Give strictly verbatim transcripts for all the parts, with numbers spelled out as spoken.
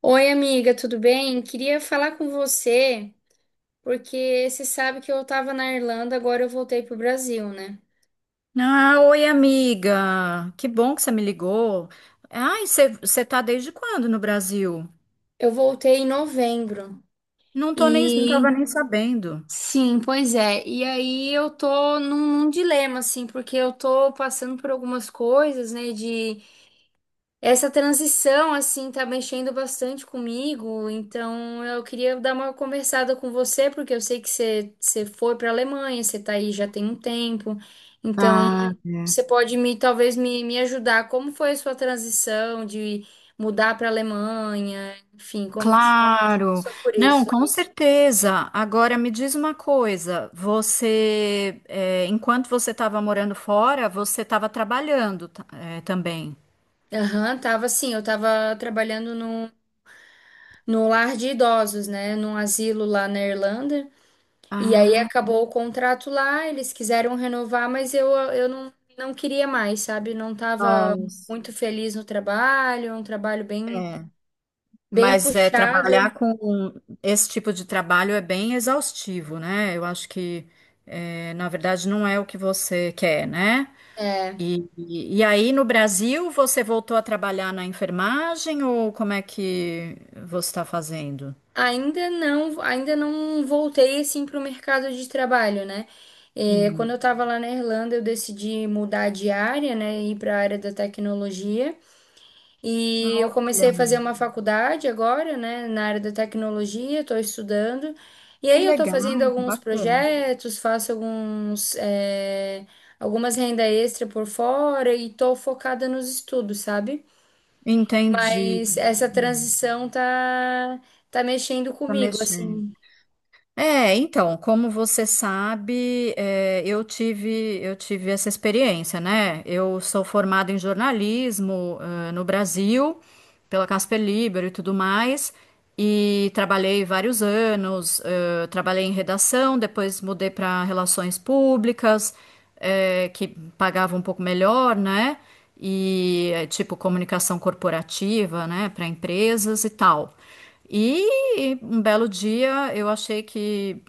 Oi, amiga, tudo bem? Queria falar com você, porque você sabe que eu estava na Irlanda, agora eu voltei pro Brasil, né? Ah, oi, amiga. Que bom que você me ligou. Ai, você você tá desde quando no Brasil? Eu voltei em novembro. Não tô nem, não E tava nem sabendo. sim, pois é. E aí eu tô num, num dilema, assim, porque eu tô passando por algumas coisas, né, de Essa transição, assim, tá mexendo bastante comigo, então eu queria dar uma conversada com você, porque eu sei que você, você foi para a Alemanha, você tá aí já tem um tempo, então Ah, você pode me, talvez me, me ajudar. Como foi a sua transição de mudar para a Alemanha? Enfim, como que você claro. passou por Não, isso? com certeza. Agora me diz uma coisa. Você, é, enquanto você estava morando fora, você estava trabalhando, ta- é, também. Aham, tava assim, eu tava trabalhando no, no lar de idosos, né, num asilo lá na Irlanda. E aí Ah, acabou o contrato lá, eles quiseram renovar, mas eu, eu não, não queria mais, sabe? Não estava nossa. muito feliz no trabalho, um trabalho bem, É. bem Mas é, puxado. trabalhar com esse tipo de trabalho é bem exaustivo, né? Eu acho que, é, na verdade, não é o que você quer, né? É, E, e, e aí, no Brasil, você voltou a trabalhar na enfermagem ou como é que você está fazendo? ainda não, ainda não voltei assim para o mercado de trabalho, né? É, quando Hum, eu estava lá na Irlanda, eu decidi mudar de área, né? Ir para a área da tecnologia. E eu comecei a olha, fazer uma faculdade agora, né, na área da tecnologia, estou estudando. E que aí eu estou legal, fazendo alguns bacana. projetos, faço alguns, eh, algumas renda extra por fora e estou focada nos estudos, sabe? Entendi. Mas essa Hum, transição tá, tá mexendo tá comigo, mexendo. assim. É, então, como você sabe, é, eu tive, eu tive essa experiência, né? Eu sou formada em jornalismo, eh, no Brasil, pela Casper Libero e tudo mais, e trabalhei vários anos, eh, trabalhei em redação, depois mudei para relações públicas, eh, que pagava um pouco melhor, né? E, eh, tipo, comunicação corporativa, né, para empresas e tal. E um belo dia eu achei que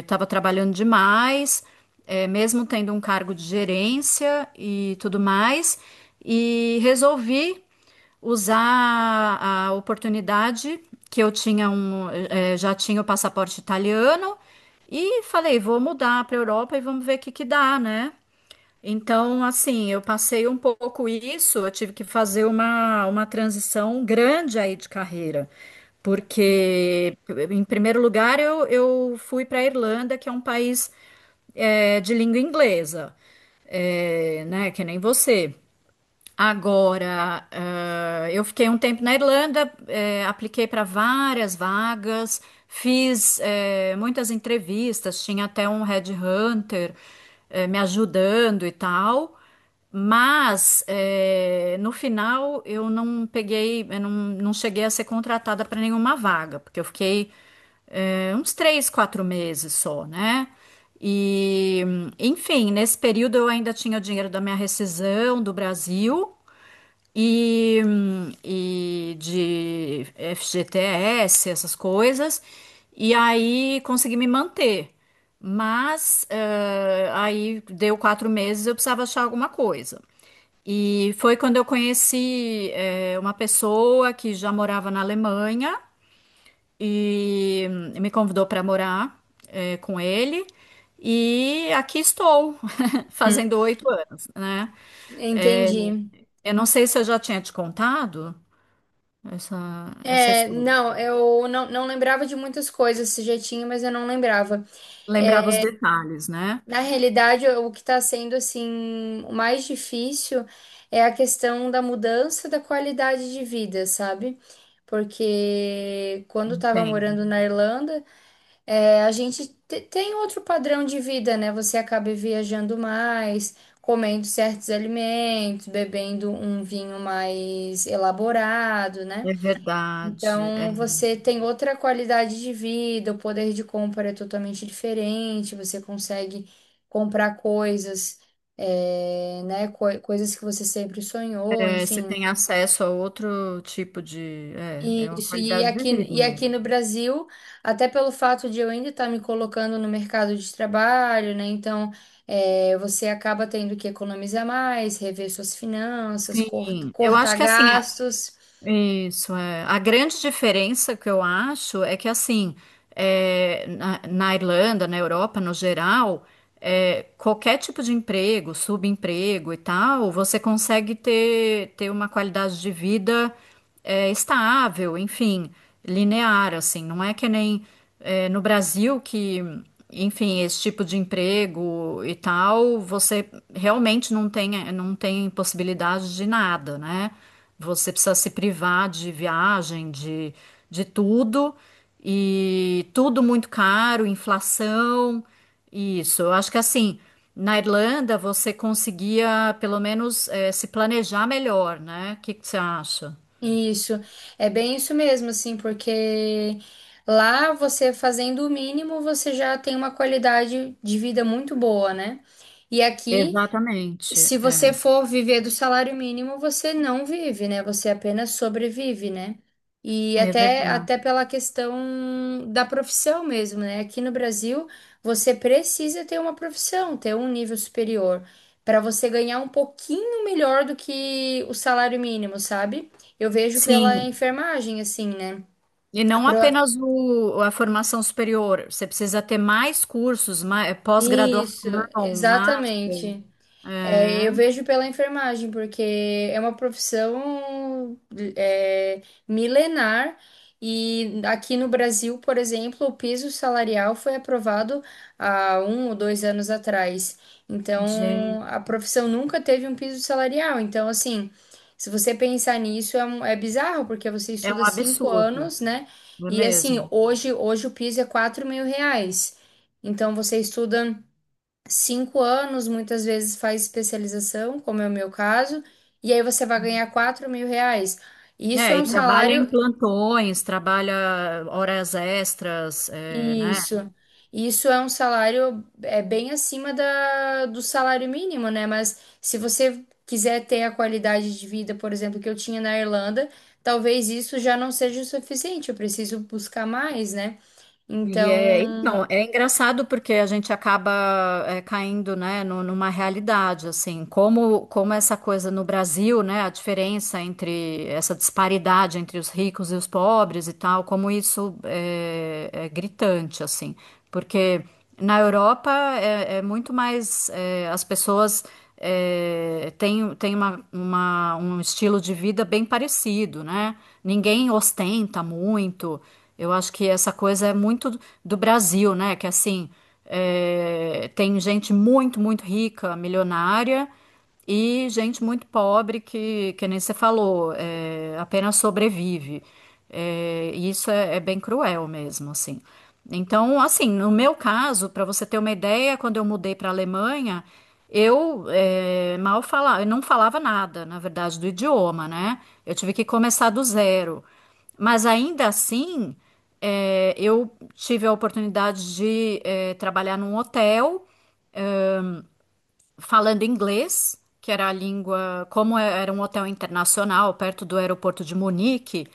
estava trabalhando demais, eh, mesmo tendo um cargo de gerência e tudo mais, e resolvi usar a oportunidade que eu tinha um, eh, já tinha o passaporte italiano e falei, vou mudar para a Europa e vamos ver o que que dá, né? Então, assim, eu passei um pouco isso, eu tive que fazer uma, uma transição grande aí de carreira, porque, em primeiro lugar, eu, eu fui para a Irlanda, que é um país é, de língua inglesa, é, né, que nem você. Agora, ah, eu fiquei um tempo na Irlanda, eh, apliquei para várias vagas, fiz, eh, muitas entrevistas, tinha até um headhunter, eh, me ajudando e tal, mas, eh, no final eu não peguei, eu não, não cheguei a ser contratada para nenhuma vaga, porque eu fiquei, eh, uns três, quatro meses só, né? E, enfim, nesse período eu ainda tinha o dinheiro da minha rescisão do Brasil e, e de F G T S, essas coisas. E aí consegui me manter. Mas eh, aí deu quatro meses, eu precisava achar alguma coisa. E foi quando eu conheci eh, uma pessoa que já morava na Alemanha e me convidou para morar eh, com ele. E aqui estou, Hum. fazendo oito anos, né? Eh, Entendi. eu não sei se eu já tinha te contado essa, essa É, história. não, eu não, não lembrava de muitas coisas, se já tinha, mas eu não lembrava. Lembrava os detalhes, né? Na realidade, o que está sendo assim o mais difícil é a questão da mudança da qualidade de vida, sabe? Porque quando estava Entendo. morando na Irlanda, é, a gente te- tem outro padrão de vida, né? Você acaba viajando mais, comendo certos alimentos, bebendo um vinho mais elaborado, né? É verdade. Então, você tem outra qualidade de vida, o poder de compra é totalmente diferente, você consegue comprar coisas, eh, né, coi- coisas que você sempre sonhou, É, é, você enfim. tem acesso a outro tipo de. É, é uma Isso, e qualidade de aqui, vida e aqui mesmo. no Brasil, até pelo fato de eu ainda estar me colocando no mercado de trabalho, né? Então, eh, você acaba tendo que economizar mais, rever suas finanças, cort- Sim, eu acho cortar que assim, gastos. isso é. A grande diferença que eu acho é que assim, é, na, na Irlanda, na Europa no geral, é, qualquer tipo de emprego, subemprego e tal, você consegue ter, ter uma qualidade de vida é, estável, enfim, linear, assim. Não é que nem é, no Brasil que, enfim, esse tipo de emprego e tal, você realmente não tem, não tem possibilidade de nada, né? Você precisa se privar de viagem, de, de tudo, e tudo muito caro, inflação. Isso, eu acho que assim, na Irlanda você conseguia pelo menos eh, se planejar melhor, né? O que que você acha? Isso, é bem isso mesmo, assim, porque lá você fazendo o mínimo, você já tem uma qualidade de vida muito boa, né? E aqui Exatamente, se é, você for viver do salário mínimo, você não vive, né? Você apenas sobrevive, né? E é até, verdade. até pela questão da profissão mesmo, né? Aqui no Brasil, você precisa ter uma profissão, ter um nível superior, para você ganhar um pouquinho melhor do que o salário mínimo, sabe? Eu vejo pela Sim, enfermagem, assim, né? e A não pro- apenas o, a formação superior, você precisa ter mais cursos, mais, Isso, pós-graduação, master. exatamente. É, É, eu vejo pela enfermagem, porque é uma profissão é, milenar e aqui no Brasil, por exemplo, o piso salarial foi aprovado há um ou dois anos atrás. gente, Então, a profissão nunca teve um piso salarial. Então, assim, se você pensar nisso, é, um- é bizarro, porque você é um estuda cinco absurdo, anos, né? não é E assim, mesmo? hoje, hoje o piso é quatro mil reais. Então, você estuda cinco anos, muitas vezes faz especialização, como é o meu caso, e aí você vai ganhar quatro mil reais. Isso é É, e um trabalha em salário, plantões, trabalha horas extras, é, né? isso, isso é um salário é bem acima da, do salário mínimo, né? Mas se você quiser ter a qualidade de vida, por exemplo, que eu tinha na Irlanda, talvez isso já não seja o suficiente, eu preciso buscar mais, né? E é, Então, então, é engraçado porque a gente acaba é, caindo, né, nu- numa realidade, assim, como, como essa coisa no Brasil, né, a diferença entre essa disparidade entre os ricos e os pobres e tal, como isso é, é gritante, assim, porque na Europa é, é muito mais, é, as pessoas é, têm, têm uma, uma- um estilo de vida bem parecido, né, ninguém ostenta muito, eu acho que essa coisa é muito do Brasil, né? Que assim, é, tem gente muito, muito rica, milionária, e gente muito pobre que, que nem você falou, é, apenas sobrevive. É, e isso é, é bem cruel mesmo, assim. Então, assim, no meu caso, para você ter uma ideia, quando eu mudei para a Alemanha, eu eh, mal falava, eu não falava nada, na verdade, do idioma, né? Eu tive que começar do zero. Mas ainda assim, é, eu tive a oportunidade de é, trabalhar num hotel falando inglês, que era a língua, como é, era um hotel internacional perto do aeroporto de Munique,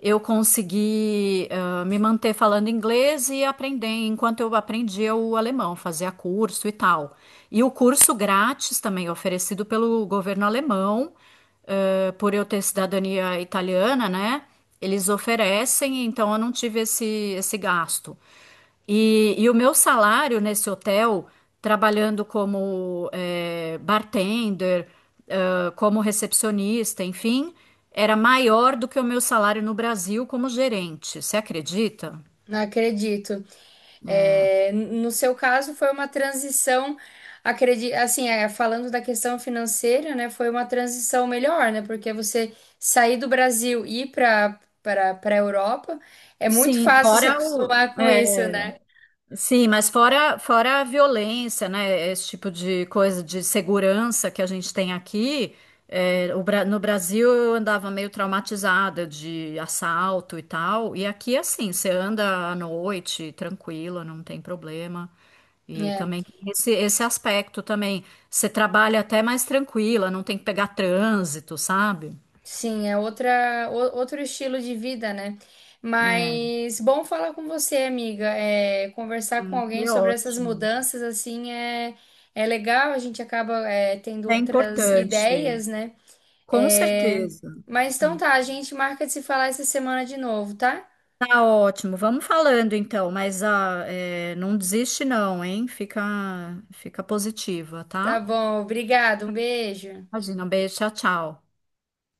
eu consegui ah, me manter falando inglês e aprender, enquanto eu aprendia o alemão, fazia curso e tal. E o curso grátis também oferecido pelo governo alemão, eh, por eu ter cidadania italiana, né? Eles oferecem, então eu não tive esse, esse gasto. E, e o meu salário nesse hotel, trabalhando como eh, bartender, ah, como recepcionista, enfim, era maior do que o meu salário no Brasil como gerente. Você acredita? acredito. É, no seu caso, foi uma transição, acredito, assim, é, falando da questão financeira, né, foi uma transição melhor, né, porque você sair do Brasil e ir para para para a Europa é muito Sim, fácil se fora o, acostumar com é, isso, né? Sim, mas fora, fora a violência, né? Esse tipo de coisa de segurança que a gente tem aqui. É, o Bra- no Brasil eu andava meio traumatizada de assalto e tal. E aqui, é assim, você anda à noite, tranquila, não tem problema. E É, também tem esse, esse aspecto também. Você trabalha até mais tranquila, não tem que pegar trânsito, sabe? sim, é outra o- outro estilo de vida, né? É, Mas bom falar com você, amiga. É, conversar com hum, alguém é sobre essas ótimo. mudanças assim é é legal. A gente acaba é, tendo É outras importante, ideias, né? com É, certeza. mas então Hum. tá, a gente marca de se falar essa semana de novo, tá? Tá ótimo, vamos falando então, mas ah, é, não desiste não, hein? Fica, fica positiva, Tá tá? bom, obrigado, um beijo. Imagina, um beijo, tchau, tchau.